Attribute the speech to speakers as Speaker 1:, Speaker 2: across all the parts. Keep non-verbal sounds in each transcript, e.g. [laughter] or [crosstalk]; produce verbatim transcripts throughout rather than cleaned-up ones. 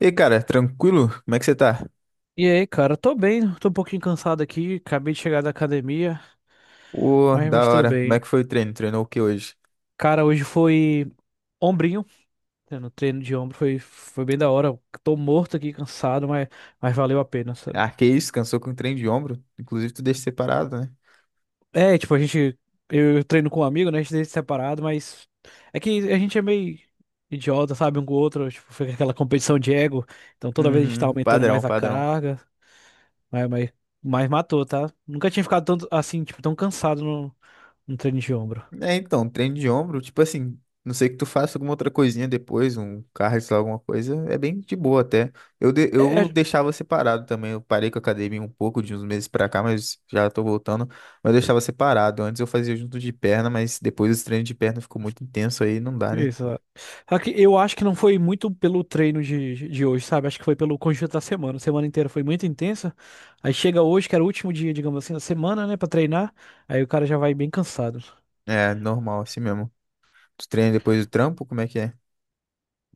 Speaker 1: E aí, cara, tranquilo? Como é que você tá?
Speaker 2: E aí, cara, tô bem, tô um pouquinho cansado aqui, acabei de chegar da academia,
Speaker 1: Ô,
Speaker 2: mas,
Speaker 1: da
Speaker 2: mas tô
Speaker 1: hora. Como é
Speaker 2: bem.
Speaker 1: que foi o treino? Treinou o que hoje?
Speaker 2: Cara, hoje foi ombrinho, né, no treino de ombro, foi, foi bem da hora. Tô morto aqui, cansado, mas, mas valeu a pena, sabe?
Speaker 1: Ah, que isso, cansou com treino de ombro. Inclusive, tu deixa separado, né?
Speaker 2: É, tipo, a gente, eu treino com um amigo, né, a gente treina separado, mas é que a gente é meio idiota, sabe, um com o outro, tipo, fica aquela competição de ego, então toda vez a gente tá
Speaker 1: Uhum,
Speaker 2: aumentando
Speaker 1: padrão,
Speaker 2: mais a
Speaker 1: padrão.
Speaker 2: carga, mas, mas, mas matou, tá? Nunca tinha ficado tanto, assim, tipo, tão cansado no, no treino de ombro.
Speaker 1: É, então, treino de ombro, tipo assim, não sei que tu faça alguma outra coisinha depois, um cardio, sei lá, alguma coisa, é bem de boa até. Eu, de-
Speaker 2: É,
Speaker 1: eu
Speaker 2: é,
Speaker 1: deixava separado também, eu parei com a academia um pouco, de uns meses pra cá, mas já tô voltando, mas eu deixava separado. Antes eu fazia junto de perna, mas depois os treinos de perna ficou muito intenso aí, não dá, né?
Speaker 2: exato. Aqui, eu acho que não foi muito pelo treino de, de hoje, sabe? Acho que foi pelo conjunto da semana. A semana inteira foi muito intensa. Aí chega hoje, que era o último dia, digamos assim, da semana, né, pra treinar. Aí o cara já vai bem cansado.
Speaker 1: É, normal, assim mesmo. Tu treina depois do trampo? Como é que é?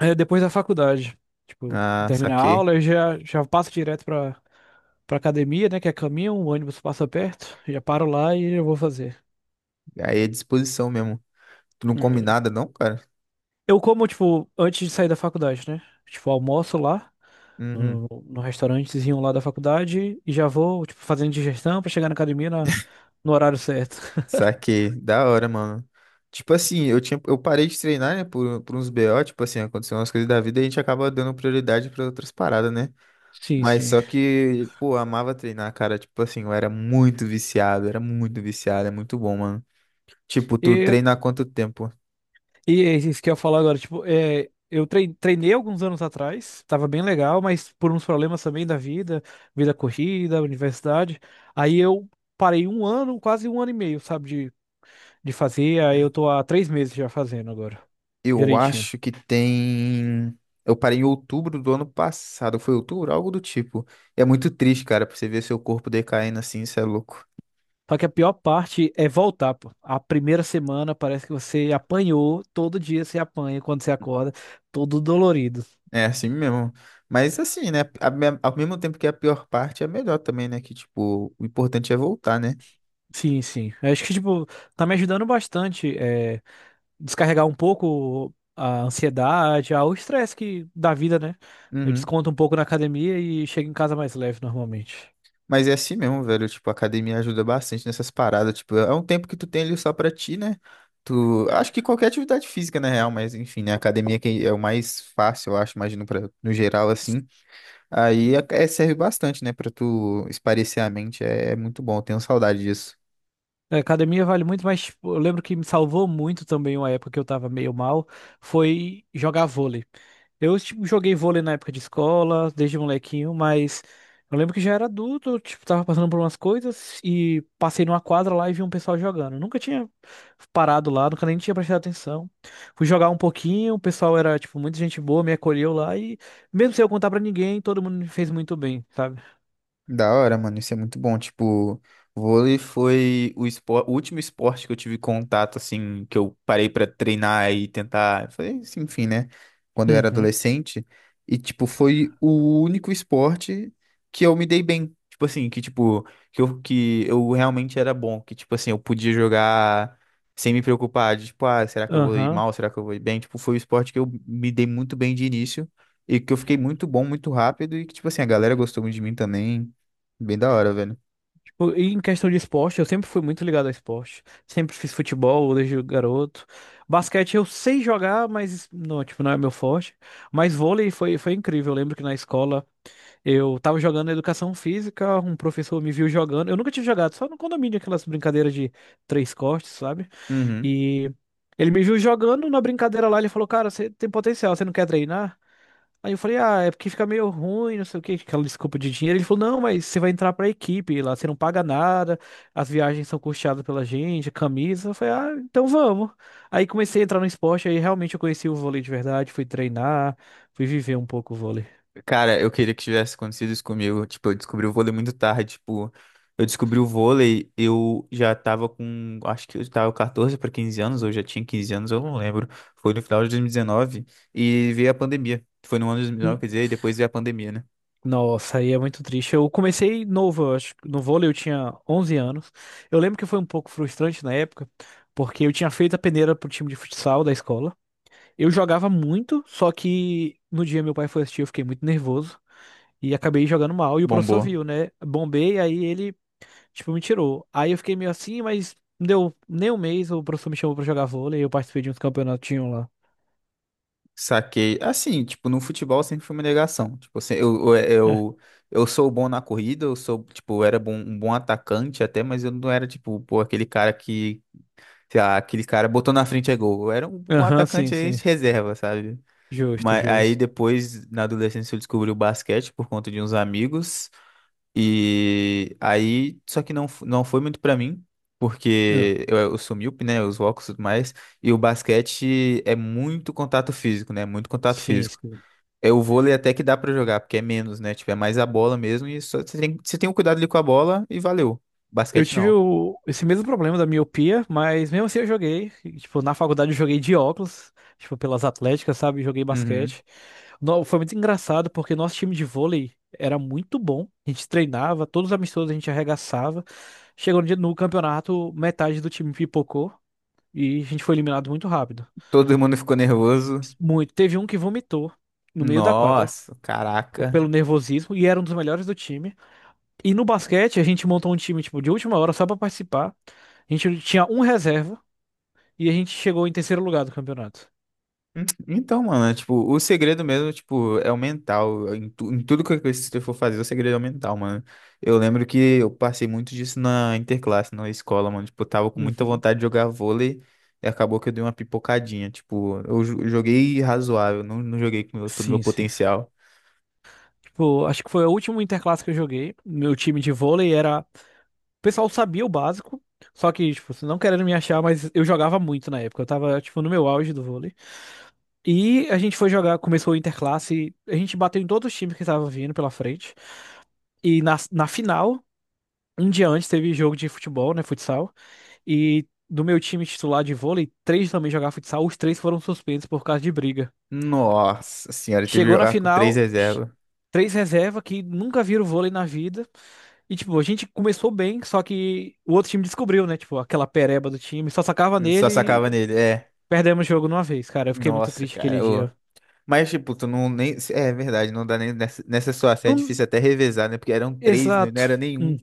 Speaker 2: Aí depois da faculdade, tipo,
Speaker 1: Ah,
Speaker 2: termina a
Speaker 1: saquei.
Speaker 2: aula, eu já, já passo direto pra, pra academia, né, que é caminho, o ônibus passa perto, já paro lá e eu vou fazer.
Speaker 1: Aí é disposição mesmo. Tu não come
Speaker 2: É.
Speaker 1: nada, não, cara?
Speaker 2: Eu como, tipo, antes de sair da faculdade, né? Tipo, almoço lá,
Speaker 1: Uhum.
Speaker 2: no, no restaurantezinho lá da faculdade e já vou, tipo, fazendo digestão pra chegar na academia na- no horário certo. [laughs]
Speaker 1: Saquei. Da hora, mano. Tipo assim, eu tinha, eu parei de treinar, né, por, por uns B O, tipo assim, aconteceu umas coisas da vida e a gente acaba dando prioridade pra outras paradas, né?
Speaker 2: Sim,
Speaker 1: Mas
Speaker 2: sim.
Speaker 1: só que, pô, eu amava treinar, cara. Tipo assim, eu era muito viciado, era muito viciado, é muito bom, mano. Tipo, tu
Speaker 2: E,
Speaker 1: treina há quanto tempo?
Speaker 2: e é isso que eu ia falar agora, tipo, é, eu trei- treinei alguns anos atrás, tava bem legal, mas por uns problemas também da vida, vida corrida, universidade, aí eu parei um ano, quase um ano e meio, sabe, de, de fazer, aí eu tô há três meses já fazendo agora,
Speaker 1: Eu
Speaker 2: direitinho.
Speaker 1: acho que tem. Eu parei em outubro do ano passado. Foi outubro? Algo do tipo. É muito triste, cara, pra você ver seu corpo decaindo assim, isso é louco.
Speaker 2: Só que a pior parte é voltar, pô. A primeira semana parece que você apanhou, todo dia você apanha quando você acorda, todo dolorido.
Speaker 1: É assim mesmo. Mas assim, né? a me- Ao mesmo tempo que é a pior parte é a melhor também, né? Que, tipo, o importante é voltar, né?
Speaker 2: Sim, sim. Eu acho que, tipo, tá me ajudando bastante, é, descarregar um pouco a ansiedade, ah, o estresse que da vida, né? Eu
Speaker 1: Uhum.
Speaker 2: desconto um pouco na academia e chego em casa mais leve normalmente.
Speaker 1: Mas é assim mesmo, velho. Tipo, a academia ajuda bastante nessas paradas. Tipo, é um tempo que tu tem ali só pra ti, né? Tu... Acho que qualquer atividade física, na real, mas enfim, né? A academia que é o mais fácil, eu acho, imagino, pra... no geral, assim. Aí é, é- serve bastante, né, pra tu espairecer a mente. É, é muito bom, eu tenho saudade disso.
Speaker 2: A academia vale muito, mas tipo, eu lembro que me salvou muito também uma época que eu tava meio mal, foi jogar vôlei. Eu, tipo, joguei vôlei na época de escola, desde molequinho, mas eu lembro que já era adulto, eu, tipo, tava passando por umas coisas e passei numa quadra lá e vi um pessoal jogando. Eu nunca tinha parado lá, nunca nem tinha prestado atenção. Fui jogar um pouquinho, o pessoal era, tipo, muita gente boa, me acolheu lá e, mesmo sem eu contar pra ninguém, todo mundo me fez muito bem, sabe?
Speaker 1: Da hora, mano, isso é muito bom. Tipo, vôlei foi o, espor- o último esporte que eu tive contato, assim, que eu parei pra treinar e tentar. Foi, assim, enfim, né? Quando eu era
Speaker 2: Uhum.
Speaker 1: adolescente. E, tipo, foi o único esporte que eu me dei bem. Tipo assim, que, tipo, que eu, que eu realmente era bom. Que, tipo assim, eu podia jogar sem me preocupar de, tipo, ah, será que eu vou ir
Speaker 2: Aham.
Speaker 1: mal? Será que eu vou ir bem? Tipo, foi o esporte que eu me dei muito bem de início. E que eu fiquei muito bom, muito rápido, e que, tipo assim, a galera gostou muito de mim também. Bem da hora, velho.
Speaker 2: Pô, e em questão de esporte, eu sempre fui muito ligado a esporte. Sempre fiz futebol desde garoto. Basquete eu sei jogar, mas não, tipo, não é meu forte. Mas vôlei foi, foi incrível. Eu lembro que na escola eu tava jogando educação física, um professor me viu jogando. Eu nunca tinha jogado, só no condomínio, aquelas brincadeiras de três cortes, sabe?
Speaker 1: Uhum.
Speaker 2: E ele me viu jogando na brincadeira lá, ele falou, cara, você tem potencial, você não quer treinar? Aí eu falei, ah, é porque fica meio ruim, não sei o que aquela desculpa de dinheiro. Ele falou, não, mas você vai entrar pra equipe lá, você não paga nada, as viagens são custeadas pela gente, a camisa. Eu falei, ah, então vamos. Aí comecei a entrar no esporte, aí realmente eu conheci o vôlei de verdade, fui treinar, fui viver um pouco o vôlei.
Speaker 1: Cara, eu queria que tivesse acontecido isso comigo. Tipo, eu descobri o vôlei muito tarde. Tipo, eu descobri o vôlei, eu já tava com, acho que eu tava catorze para quinze anos, ou já tinha quinze anos, eu não lembro. Foi no final de dois mil e dezenove e veio a pandemia. Foi no ano de dois mil e dezenove,
Speaker 2: N-
Speaker 1: quer dizer, e depois veio a pandemia, né?
Speaker 2: Nossa, aí é muito triste. Eu comecei novo, eu acho, que no vôlei eu tinha onze anos. Eu lembro que foi um pouco frustrante na época, porque eu tinha feito a peneira pro time de futsal da escola. Eu jogava muito, só que no dia meu pai foi assistir, eu fiquei muito nervoso e acabei jogando mal. E o professor
Speaker 1: Bombou.
Speaker 2: viu, né? Bombei, aí ele, tipo, me tirou. Aí eu fiquei meio assim, mas não deu nem um mês, o professor me chamou pra jogar vôlei e eu participei de uns campeonatinhos lá.
Speaker 1: Saquei. Assim, tipo, no futebol sempre foi uma negação. Tipo, assim, eu, eu,
Speaker 2: É.
Speaker 1: eu, eu sou bom na corrida, eu sou, tipo, eu era bom, um bom atacante até, mas eu não era, tipo, pô, aquele cara que sei lá, aquele cara botou na frente é gol. Eu era um, um
Speaker 2: Aham, sim,
Speaker 1: atacante aí
Speaker 2: sim.
Speaker 1: de reserva, sabe?
Speaker 2: Justo,
Speaker 1: Mas aí
Speaker 2: justo.
Speaker 1: depois, na adolescência, eu descobri o basquete por conta de uns amigos. E aí, só que não, f- não foi muito pra mim,
Speaker 2: Ah,
Speaker 1: porque eu, eu sou míope, né? Os óculos e tudo mais. E o basquete é muito contato físico, né? Muito contato
Speaker 2: sim,
Speaker 1: físico.
Speaker 2: sim.
Speaker 1: É o vôlei até que dá pra jogar, porque é menos, né? Tipo, é mais a bola mesmo e só você tem, você tem o cuidado ali com a bola e valeu.
Speaker 2: Eu
Speaker 1: Basquete
Speaker 2: tive
Speaker 1: não.
Speaker 2: o- esse mesmo problema da miopia, mas mesmo assim eu joguei. E, tipo, na faculdade eu joguei de óculos, tipo, pelas atléticas, sabe? Joguei
Speaker 1: Uhum.
Speaker 2: basquete. No- Foi muito engraçado porque nosso time de vôlei era muito bom. A gente treinava, todos os amistosos a gente arregaçava. Chegou no dia no campeonato, metade do time pipocou e a gente foi eliminado muito rápido.
Speaker 1: Todo mundo ficou nervoso.
Speaker 2: Muito. Teve um que vomitou no meio da quadra
Speaker 1: Nossa,
Speaker 2: p-
Speaker 1: caraca.
Speaker 2: pelo nervosismo e era um dos melhores do time. E no basquete a gente montou um time tipo de última hora só pra participar. A gente tinha um reserva e a gente chegou em terceiro lugar do campeonato.
Speaker 1: Hum, Então, mano, é, tipo, o segredo mesmo, tipo, é o mental. Em, tu- em tudo que você for fazer, o segredo é o mental, mano. Eu lembro que eu passei muito disso na interclasse, na escola, mano. Tipo, eu tava com muita
Speaker 2: Uhum.
Speaker 1: vontade de jogar vôlei e acabou que eu dei uma pipocadinha. Tipo, eu jo- joguei razoável, não, não joguei com todo o meu
Speaker 2: Sim, sim.
Speaker 1: potencial.
Speaker 2: Tipo, acho que foi o último interclasse que eu joguei. Meu time de vôlei era. O pessoal sabia o básico, só que, tipo, assim, não querendo me achar, mas eu jogava muito na época. Eu tava, tipo, no meu auge do vôlei. E a gente foi jogar, começou o Interclasse, a gente bateu em todos os times que estavam vindo pela frente. E na, na final, um dia antes, teve jogo de futebol, né, futsal. E do meu time titular de vôlei, três também jogavam futsal, os três foram suspensos por causa de briga.
Speaker 1: Nossa senhora, eu tive que
Speaker 2: Chegou na
Speaker 1: jogar com três
Speaker 2: final, ch-
Speaker 1: reservas.
Speaker 2: três reserva que nunca viram vôlei na vida. E, tipo, a gente começou bem, só que o outro time descobriu, né? Tipo, aquela pereba do time, só sacava
Speaker 1: Eu só
Speaker 2: nele
Speaker 1: sacava
Speaker 2: e
Speaker 1: nele, é.
Speaker 2: perdemos o jogo numa vez, cara. Eu fiquei muito
Speaker 1: Nossa,
Speaker 2: triste aquele
Speaker 1: cara,
Speaker 2: dia.
Speaker 1: mas, tipo, tu não nem. É verdade, não dá nem nessa, nessa situação. É
Speaker 2: Não.
Speaker 1: difícil até revezar, né? Porque eram três, né? Não
Speaker 2: Exato.
Speaker 1: era
Speaker 2: Hum.
Speaker 1: nenhum.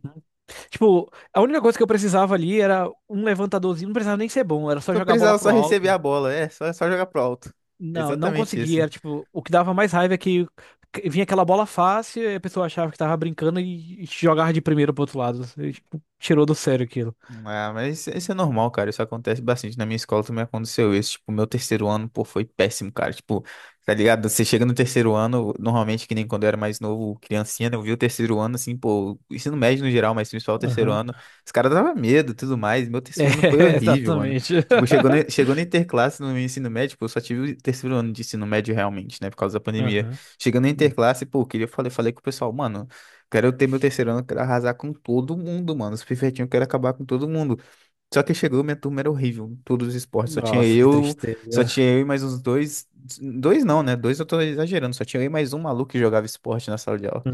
Speaker 2: Tipo, a única coisa que eu precisava ali era um levantadorzinho, não precisava nem ser bom, era só
Speaker 1: Só
Speaker 2: jogar a bola
Speaker 1: precisava só
Speaker 2: pro
Speaker 1: receber
Speaker 2: alto.
Speaker 1: a bola. É, só, só jogar pro alto. É
Speaker 2: Não, não
Speaker 1: exatamente isso.
Speaker 2: conseguia, era tipo, o que dava mais raiva é que que vinha aquela bola fácil e a pessoa achava que tava brincando e e jogava de primeiro pro outro lado. E, tipo, tirou do sério aquilo.
Speaker 1: Ah, mas isso, isso é normal, cara. Isso acontece bastante. Na minha escola também aconteceu isso. Tipo, meu terceiro ano, pô, foi péssimo, cara. Tipo, tá ligado? Você chega no terceiro ano, normalmente, que nem quando eu era mais novo, criancinha, né? Eu vi o terceiro ano, assim, pô, ensino médio no geral, mas principal o terceiro
Speaker 2: Aham.
Speaker 1: ano,
Speaker 2: [laughs]
Speaker 1: os caras davam medo e tudo mais. Meu terceiro ano foi
Speaker 2: É,
Speaker 1: horrível, mano.
Speaker 2: exatamente.
Speaker 1: Tipo, chegou na, chegou na interclasse no meu ensino médio, pô, eu só tive o terceiro ano de ensino médio realmente, né? Por causa da
Speaker 2: [laughs]
Speaker 1: pandemia.
Speaker 2: Aham.
Speaker 1: Chegando na interclasse, pô, eu queria, falei, falei com o pessoal, mano. Quero ter meu terceiro ano, quero arrasar com todo mundo, mano. Os pivetinhos, eu quero acabar com todo mundo. Só que chegou, minha turma era horrível. Em todos os esportes. Só tinha
Speaker 2: Nossa, que
Speaker 1: eu, só
Speaker 2: tristeza.
Speaker 1: tinha eu e mais uns dois. Dois não, né? Dois eu tô exagerando. Só tinha eu e mais um maluco que jogava esporte na sala de aula.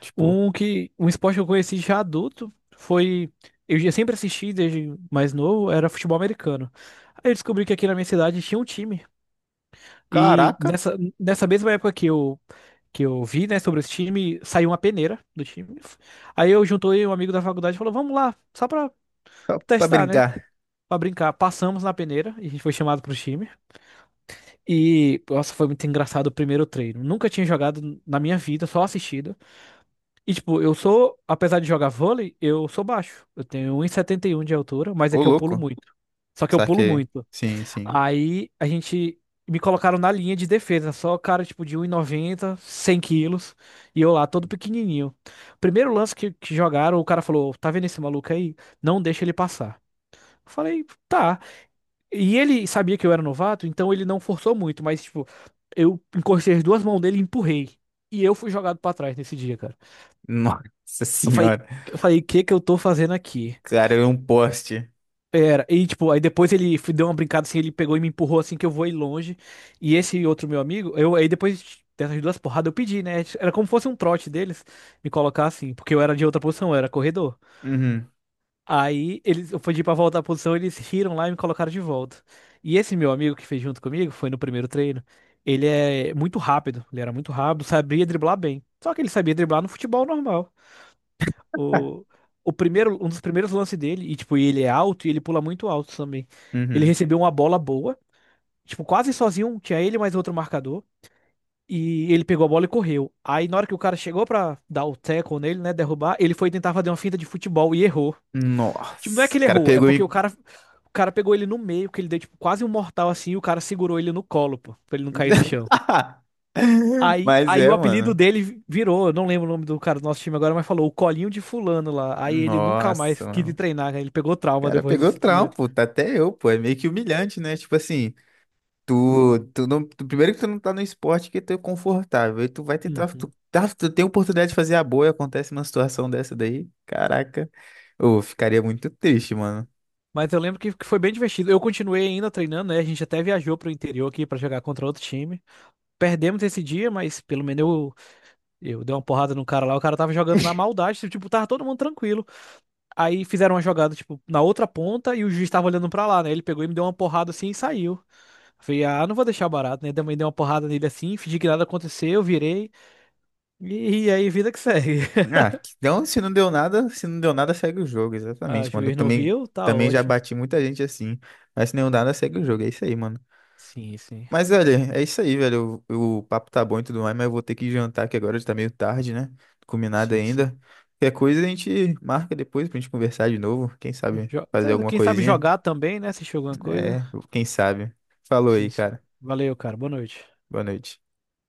Speaker 1: Tipo,
Speaker 2: Um que um esporte que eu conheci já adulto foi. Eu já sempre assisti desde mais novo, era futebol americano. Aí eu descobri que aqui na minha cidade tinha um time e
Speaker 1: caraca,
Speaker 2: nessa nessa mesma época que eu que eu vi, né, sobre esse time, saiu uma peneira do time. Aí eu juntei um amigo da faculdade e falou: "Vamos lá, só pra
Speaker 1: pra pra
Speaker 2: testar, né?"
Speaker 1: brincar.
Speaker 2: Pra brincar. Passamos na peneira e a gente foi chamado pro time. E nossa, foi muito engraçado o primeiro treino. Nunca tinha jogado na minha vida, só assistido. E, tipo, eu sou, apesar de jogar vôlei, eu sou baixo. Eu tenho um e e setenta e um de altura, mas é
Speaker 1: Ô,
Speaker 2: que eu pulo
Speaker 1: louco.
Speaker 2: muito. Só que eu pulo
Speaker 1: Saquei.
Speaker 2: muito.
Speaker 1: Sim, sim.
Speaker 2: Aí a gente me colocaram na linha de defesa, só cara, tipo, de um e noventa cem quilos, e eu lá todo pequenininho. Primeiro lance que, que jogaram, o cara falou: "Tá vendo esse maluco aí? Não deixa ele passar." Eu falei, tá. E ele sabia que eu era novato, então ele não forçou muito, mas, tipo, eu encostei as duas mãos dele e empurrei. E eu fui jogado pra trás nesse dia, cara.
Speaker 1: Nossa
Speaker 2: Eu falei,
Speaker 1: senhora.
Speaker 2: eu falei, o que que eu tô fazendo aqui?
Speaker 1: Cara, eu um poste.
Speaker 2: Pera, e tipo, aí depois ele f- deu uma brincada assim, ele pegou e me empurrou assim que eu vou ir longe. E esse outro meu amigo, eu aí depois dessas duas porradas eu pedi, né? Era como fosse um trote deles me colocar assim, porque eu era de outra posição, eu era corredor.
Speaker 1: Uhum,
Speaker 2: Aí eles, eu pedi pra voltar à posição, eles riram lá e me colocaram de volta. E esse meu amigo que fez junto comigo, foi no primeiro treino, ele é muito rápido, ele era muito rápido, sabia driblar bem. Só que ele sabia driblar no futebol normal. O, o primeiro, um dos primeiros lances dele, e tipo, ele é alto e ele pula muito alto também. Ele
Speaker 1: uhum.
Speaker 2: recebeu uma bola boa, tipo, quase sozinho, um, tinha ele mais outro marcador, e ele pegou a bola e correu. Aí na hora que o cara chegou pra dar o tackle nele, né, derrubar, ele foi tentar fazer uma finta de futebol e errou. Tipo, não é que
Speaker 1: Nossa. O
Speaker 2: ele
Speaker 1: cara
Speaker 2: errou, é
Speaker 1: pegou
Speaker 2: porque o
Speaker 1: e.
Speaker 2: cara, o cara pegou ele no meio, que ele deu tipo quase um mortal assim, e o cara segurou ele no colo, pô, pra ele não cair no chão.
Speaker 1: [laughs]
Speaker 2: Aí,
Speaker 1: Mas
Speaker 2: aí o
Speaker 1: é,
Speaker 2: apelido
Speaker 1: mano.
Speaker 2: dele virou, eu não lembro o nome do cara do nosso time agora, mas falou o colinho de fulano lá. Aí ele nunca
Speaker 1: Nossa,
Speaker 2: mais quis
Speaker 1: mano.
Speaker 2: ir treinar, né? Ele pegou
Speaker 1: O
Speaker 2: trauma
Speaker 1: cara
Speaker 2: depois
Speaker 1: pegou
Speaker 2: desse dia.
Speaker 1: trampo, tá até eu, pô. É meio que humilhante, né? Tipo assim, tu, tu não, tu- primeiro que tu não tá no esporte que tu é confortável, e tu vai tentar, tu,
Speaker 2: Uhum.
Speaker 1: tá, tu tem oportunidade de fazer a boa e acontece uma situação dessa daí. Caraca, eu ficaria muito triste, mano.
Speaker 2: Mas eu lembro que, que foi bem divertido. Eu continuei ainda treinando, né? A gente até viajou pro interior aqui pra jogar contra outro time. Perdemos esse dia, mas pelo menos eu, eu dei uma porrada no cara lá. O cara tava jogando na maldade, tipo, tava todo mundo tranquilo. Aí fizeram uma jogada, tipo, na outra ponta e o juiz tava olhando pra lá, né? Ele pegou e me deu uma porrada assim e saiu. Falei, ah, não vou deixar barato, né? Também dei uma porrada nele assim, fingi que nada aconteceu, virei. E, e aí, vida que segue. [laughs]
Speaker 1: Ah, então se não deu nada, se não deu nada, segue o jogo,
Speaker 2: Ah,
Speaker 1: exatamente, mano. Eu
Speaker 2: juiz não
Speaker 1: também,
Speaker 2: viu? Tá
Speaker 1: também já
Speaker 2: ótimo.
Speaker 1: bati muita gente assim, mas se não deu nada, segue o jogo, é isso aí, mano.
Speaker 2: Sim, sim.
Speaker 1: Mas, velho, é isso aí, velho. O, o papo tá bom e tudo mais, mas eu vou ter que jantar, que agora já tá meio tarde, né? Não comi nada
Speaker 2: Sim, sim.
Speaker 1: ainda. Qualquer coisa a gente marca depois pra gente conversar de novo. Quem sabe
Speaker 2: Jo-
Speaker 1: fazer alguma
Speaker 2: Quem sabe
Speaker 1: coisinha?
Speaker 2: jogar também, né? Se jogou alguma coisa.
Speaker 1: É, quem sabe. Falou aí,
Speaker 2: Sim, sim.
Speaker 1: cara.
Speaker 2: Valeu, cara. Boa noite.
Speaker 1: Boa noite.